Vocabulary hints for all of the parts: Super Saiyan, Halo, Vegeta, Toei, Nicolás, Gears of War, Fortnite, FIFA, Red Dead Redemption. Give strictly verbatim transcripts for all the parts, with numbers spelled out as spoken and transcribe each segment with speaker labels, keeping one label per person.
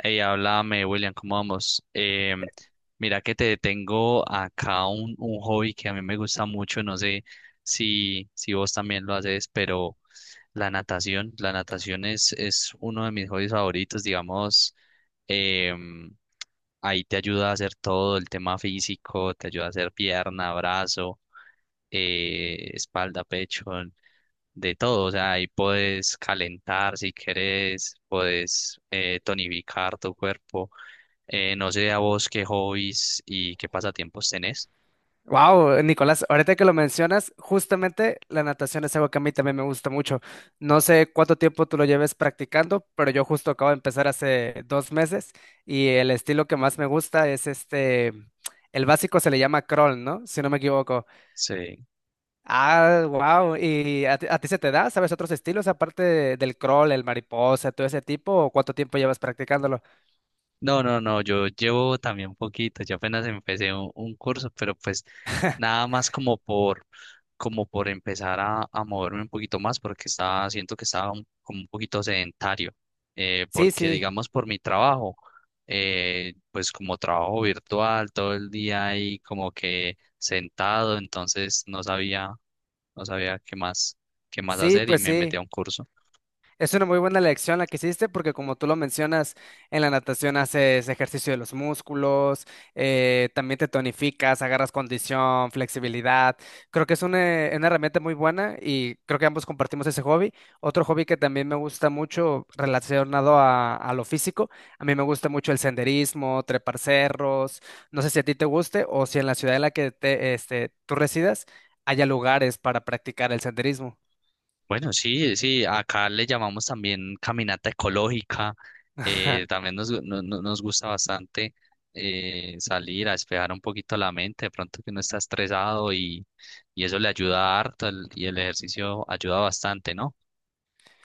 Speaker 1: Hey, háblame, William, ¿cómo vamos? Eh, mira que te tengo acá un, un hobby que a mí me gusta mucho, no sé si, si vos también lo haces, pero la natación, la natación es, es uno de mis hobbies favoritos, digamos, em, ahí te ayuda a hacer todo el tema físico, te ayuda a hacer pierna, brazo, eh, espalda, pecho, de todo, o sea, ahí puedes calentar si querés, puedes eh, tonificar tu cuerpo. Eh, no sé a vos qué hobbies y qué pasatiempos tenés.
Speaker 2: Wow, Nicolás, ahorita que lo mencionas, justamente la natación es algo que a mí también me gusta mucho. No sé cuánto tiempo tú lo lleves practicando, pero yo justo acabo de empezar hace dos meses y el estilo que más me gusta es este, el básico se le llama crawl, ¿no? Si no me equivoco.
Speaker 1: Sí.
Speaker 2: Ah, wow, ¿y a ti, a ti se te da? ¿Sabes otros estilos aparte de- del crawl, el mariposa, todo ese tipo? ¿O cuánto tiempo llevas practicándolo?
Speaker 1: No, no, no, yo llevo también poquito, yo apenas empecé un, un curso, pero pues nada más como por, como por empezar a, a moverme un poquito más, porque estaba, siento que estaba un- como un poquito sedentario, eh,
Speaker 2: Sí,
Speaker 1: porque
Speaker 2: sí,
Speaker 1: digamos por mi trabajo, eh, pues como trabajo virtual todo el día ahí como que sentado, entonces no sabía, no sabía qué más, qué más
Speaker 2: sí,
Speaker 1: hacer y
Speaker 2: pues
Speaker 1: me metí a
Speaker 2: sí.
Speaker 1: un curso.
Speaker 2: Es una muy buena lección la que hiciste porque como tú lo mencionas, en la natación haces ejercicio de los músculos, eh, también te tonificas, agarras condición, flexibilidad. Creo que es una, una herramienta muy buena y creo que ambos compartimos ese hobby. Otro hobby que también me gusta mucho relacionado a, a lo físico, a mí me gusta mucho el senderismo, trepar cerros. No sé si a ti te guste o si en la ciudad en la que te, este, tú residas haya lugares para practicar el senderismo.
Speaker 1: Bueno, sí, sí, acá le llamamos también caminata ecológica, eh, también nos, gu- no- no- nos gusta bastante eh, salir a despejar un poquito la mente, de pronto que uno está estresado y, y eso le ayuda harto el- y el ejercicio ayuda bastante, ¿no?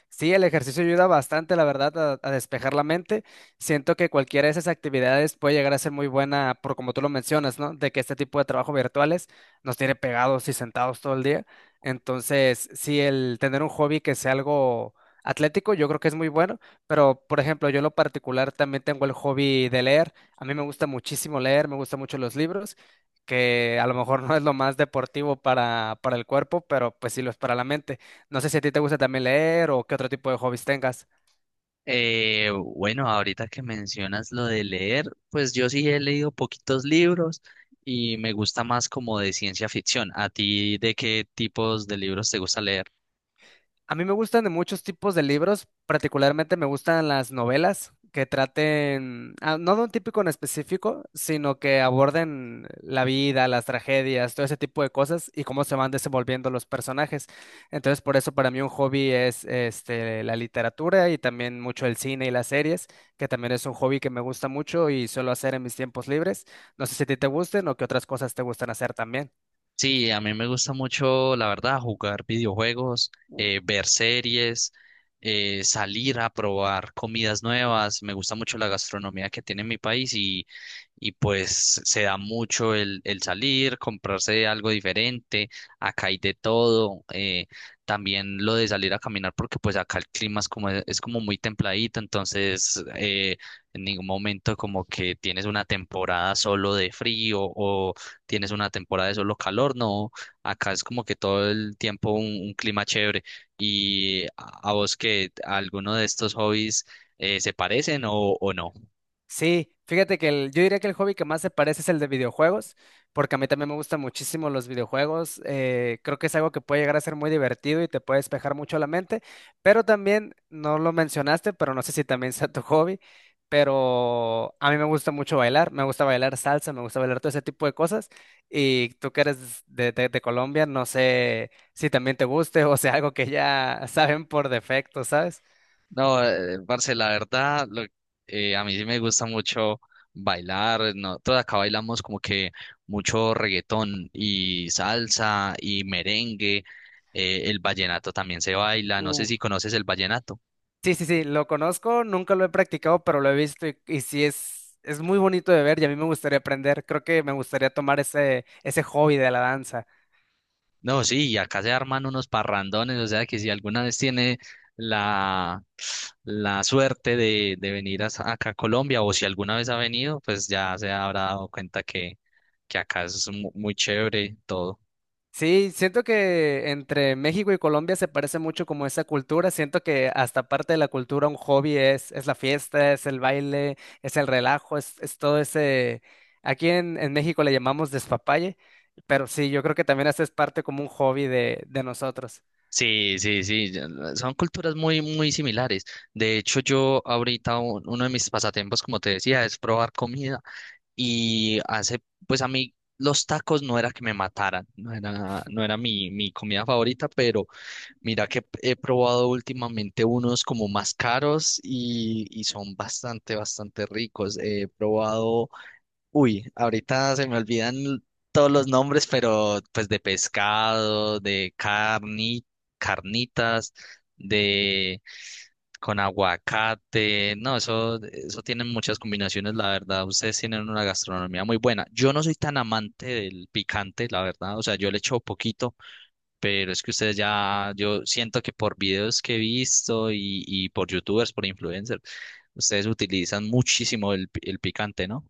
Speaker 2: Sí, el ejercicio ayuda bastante, la verdad, a, a despejar la mente. Siento que cualquiera de esas actividades puede llegar a ser muy buena, por como tú lo mencionas, ¿no? De que este tipo de trabajo virtuales nos tiene pegados y sentados todo el día. Entonces, sí, el tener un hobby que sea algo atlético, yo creo que es muy bueno. Pero, por ejemplo, yo en lo particular también tengo el hobby de leer. A mí me gusta muchísimo leer, me gustan mucho los libros, que a lo mejor no es lo más deportivo para, para el cuerpo, pero pues sí lo es para la mente. No sé si a ti te gusta también leer o qué otro tipo de hobbies tengas.
Speaker 1: Eh, bueno, ahorita que mencionas lo de leer, pues yo sí he leído poquitos libros y me gusta más como de ciencia ficción. ¿A ti de qué tipos de libros te gusta leer?
Speaker 2: A mí me gustan de muchos tipos de libros, particularmente me gustan las novelas que traten, ah, no de un típico en específico, sino que aborden la vida, las tragedias, todo ese tipo de cosas y cómo se van desenvolviendo los personajes. Entonces, por eso para mí un hobby es este, la literatura y también mucho el cine y las series, que también es un hobby que me gusta mucho y suelo hacer en mis tiempos libres. No sé si a ti te gusten o qué otras cosas te gustan hacer también.
Speaker 1: Sí, a mí me gusta mucho, la verdad, jugar videojuegos, eh, ver series, eh, salir a probar comidas nuevas. Me gusta mucho la gastronomía que tiene mi país y pues se da mucho el, el salir, comprarse algo diferente, acá hay de todo, eh, también lo de salir a caminar porque pues acá el clima es como, es como muy templadito, entonces eh, en ningún momento como que tienes una temporada solo de frío o tienes una temporada de solo calor, no, acá es como que todo el tiempo un, un clima chévere y a, a vos que alguno de estos hobbies eh, se parecen o, o no.
Speaker 2: Sí, fíjate que el- yo diría que el hobby que más se parece es el de videojuegos, porque a mí también me gustan muchísimo los videojuegos. Eh, creo que es algo que puede llegar a ser muy divertido y te puede despejar mucho la mente, pero también, no lo mencionaste, pero no sé si también sea tu hobby, pero a mí me gusta mucho bailar, me gusta bailar salsa, me gusta bailar todo ese tipo de cosas. Y tú que eres de, de de Colombia, no sé si también te guste o sea algo que ya saben por defecto, ¿sabes?
Speaker 1: No, eh, parce, la verdad, lo- eh, a mí sí me gusta mucho bailar. Nosotros acá bailamos como que mucho reggaetón y salsa y merengue. Eh, el vallenato también se baila. No sé si conoces el vallenato.
Speaker 2: Sí, sí, sí, lo conozco, nunca lo he practicado, pero lo he visto y, y sí es, es muy bonito de ver y a mí me gustaría aprender. Creo que me gustaría tomar ese, ese hobby de la danza.
Speaker 1: No, sí, y acá se arman unos parrandones. O sea que si alguna vez tiene la, la suerte de, de venir a- acá a Colombia o si alguna vez ha venido, pues ya se habrá dado cuenta que, que acá es mu- muy chévere todo.
Speaker 2: Sí, siento que entre México y Colombia se parece mucho como esa cultura. Siento que hasta parte de la cultura un hobby es, es la fiesta, es el baile, es el relajo, es, es todo ese... Aquí en, en México le llamamos despapalle, pero sí, yo creo que también esa es parte como un hobby de, de nosotros.
Speaker 1: Sí, sí, sí, ya son culturas muy, muy similares. De hecho, yo ahorita u- uno de mis pasatiempos, como te decía, es probar comida y hace, pues a mí los tacos no era que me mataran, no era, no era mi, mi comida favorita, pero mira que he probado últimamente unos como más caros y, y son bastante, bastante ricos. He probado, uy, ahorita se me olvidan todos los nombres, pero pues de pescado, de carni, carnitas, de con aguacate. No, eso, eso tienen muchas combinaciones, la verdad. Ustedes tienen una gastronomía muy buena. Yo no soy tan amante del picante, la verdad. O sea, yo le echo poquito, pero es que ustedes ya, yo siento que por videos que he visto y, y por youtubers, por influencers, ustedes utilizan muchísimo el, pi- el picante, ¿no?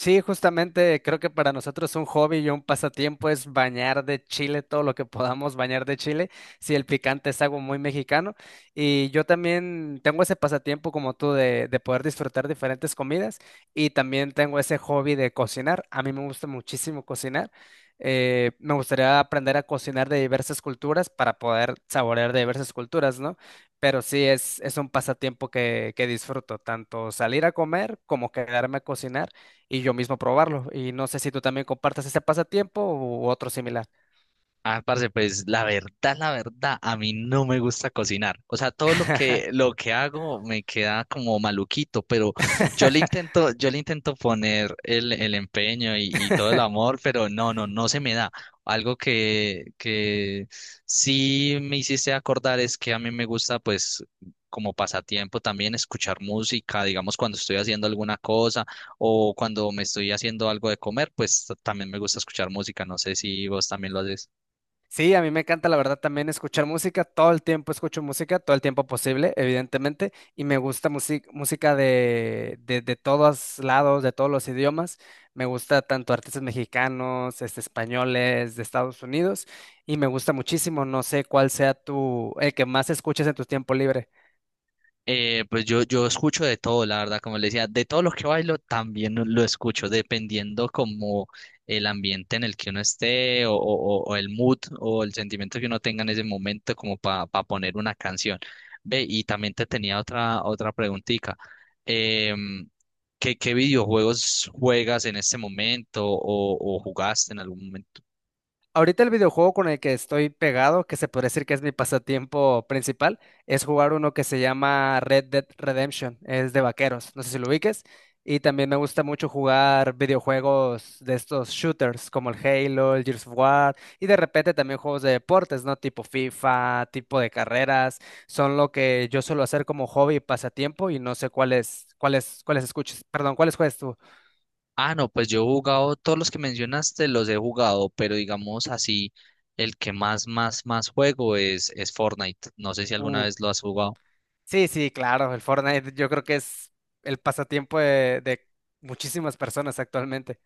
Speaker 2: Sí, justamente creo que para nosotros un hobby y un pasatiempo es bañar de chile todo lo que podamos bañar de chile, si el picante es algo muy mexicano. Y yo también tengo ese pasatiempo como tú de, de poder disfrutar diferentes comidas y también tengo ese hobby de cocinar. A mí me gusta muchísimo cocinar. Eh, me gustaría aprender a cocinar de diversas culturas para poder saborear de diversas culturas, ¿no? Pero sí es, es un pasatiempo que, que disfruto, tanto salir a comer como quedarme a cocinar y yo mismo probarlo. Y no sé si tú también compartas ese pasatiempo u otro similar.
Speaker 1: Ah, parce, pues la verdad, la verdad, a mí no me gusta cocinar. O sea, todo lo que lo que hago me queda como maluquito, pero yo le intento, yo le intento poner el, el empeño y, y todo el amor, pero no, no, no se me da. Algo que, que sí me hiciste acordar es que a mí me gusta, pues, como pasatiempo también escuchar música, digamos, cuando estoy haciendo alguna cosa o cuando me estoy haciendo algo de comer, pues también me gusta escuchar música. No sé si vos también lo haces.
Speaker 2: Sí, a mí me encanta, la verdad, también escuchar música. Todo el tiempo escucho música, todo el tiempo posible, evidentemente. Y me gusta music- música de, de, de todos lados, de todos los idiomas. Me gusta tanto artistas mexicanos, este, españoles, de Estados Unidos. Y me gusta muchísimo. No sé cuál sea tu, el que más escuches en tu tiempo libre.
Speaker 1: Eh, pues yo, yo escucho de todo, la verdad, como le decía, de todo lo que bailo también lo lo escucho, dependiendo como el ambiente en el que uno esté o, o- o el mood o el sentimiento que uno tenga en ese momento como para poner una canción. Ve, y también te tenía otra, otra preguntita. em, ¿Qué, qué videojuegos juegas en este momento o, o jugaste en algún momento?
Speaker 2: Ahorita el videojuego con el que estoy pegado, que se podría decir que es mi pasatiempo principal, es jugar uno que se llama Red Dead Redemption, es de vaqueros, no sé si lo ubiques, y también me gusta mucho jugar videojuegos de estos shooters como el Halo, el Gears of War, y de repente también juegos de deportes, ¿no? Tipo FIFA, tipo de carreras, son lo que yo suelo hacer como hobby y pasatiempo, y no sé cuáles, cuáles, cuáles escuches, perdón, cuáles juegas
Speaker 1: Ah, no, pues yo he jugado, todos los que mencionaste los he jugado, pero digamos así, el que más, más, más juego es, es Fortnite. No sé si alguna
Speaker 2: tú.
Speaker 1: vez lo has jugado.
Speaker 2: Sí, sí, claro, el Fortnite yo creo que es el pasatiempo de, de muchísimas personas actualmente.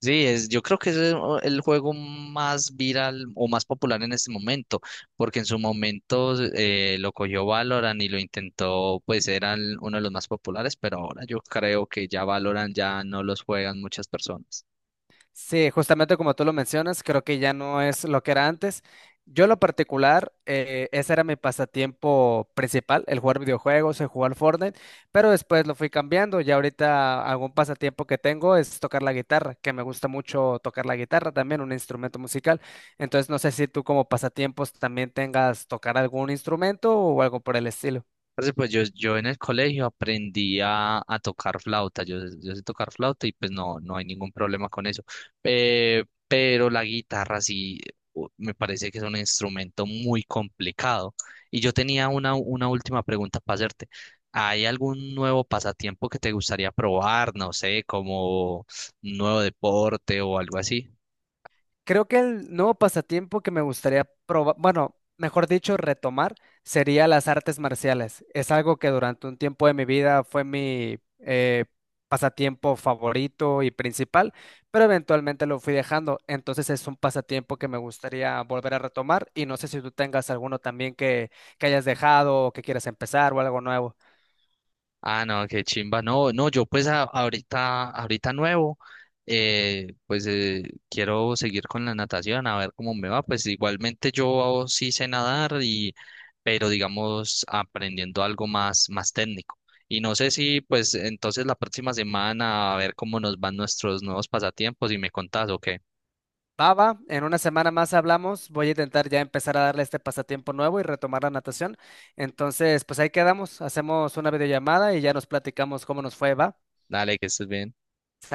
Speaker 1: Sí, es, yo creo que es el el juego más viral o más popular en este momento, porque en su momento eh, lo cogió Valorant y lo intentó, pues eran uno de los más populares, pero ahora yo creo que ya Valorant ya no los juegan muchas personas.
Speaker 2: Sí, justamente como tú lo mencionas, creo que ya no es lo que era antes. Yo en lo particular, eh, ese era mi pasatiempo principal, el jugar videojuegos, el jugar Fortnite, pero después lo fui cambiando. Ya ahorita algún pasatiempo que tengo es tocar la guitarra, que me gusta mucho tocar la guitarra también, un instrumento musical. Entonces no sé si tú como pasatiempos también tengas tocar algún instrumento o algo por el estilo.
Speaker 1: Parce, pues yo, yo en el colegio aprendí a, a tocar flauta, yo, yo sé tocar flauta y pues no, no hay ningún problema con eso. Eh, pero la guitarra sí, u- me parece que es un instrumento muy complicado. Y yo tenía una, una última pregunta para hacerte. ¿Hay algún nuevo pasatiempo que te gustaría probar? No sé, como un nuevo deporte o algo así.
Speaker 2: Creo que el nuevo pasatiempo que me gustaría probar, bueno, mejor dicho, retomar, sería las artes marciales. Es algo que durante un tiempo de mi vida fue mi eh, pasatiempo favorito y principal, pero eventualmente lo fui dejando. Entonces es un pasatiempo que me gustaría volver a retomar y no sé si tú tengas alguno también que, que hayas dejado o que quieras empezar o algo nuevo.
Speaker 1: Ah, no, qué chimba. No, no, yo pues a- ahorita, ahorita nuevo, eh, pues eh, quiero seguir con la natación, a ver cómo me va. Pues igualmente yo sí sé nadar y, pero digamos, aprendiendo algo más, más técnico. Y no sé si pues entonces la próxima semana a ver cómo nos van nuestros nuevos pasatiempos y me contás o qué.
Speaker 2: Va, va, en una semana más hablamos. Voy a intentar ya empezar a darle este pasatiempo nuevo y retomar la natación. Entonces, pues ahí quedamos. Hacemos una videollamada y ya nos platicamos cómo nos fue, va.
Speaker 1: Dale, que estés bien.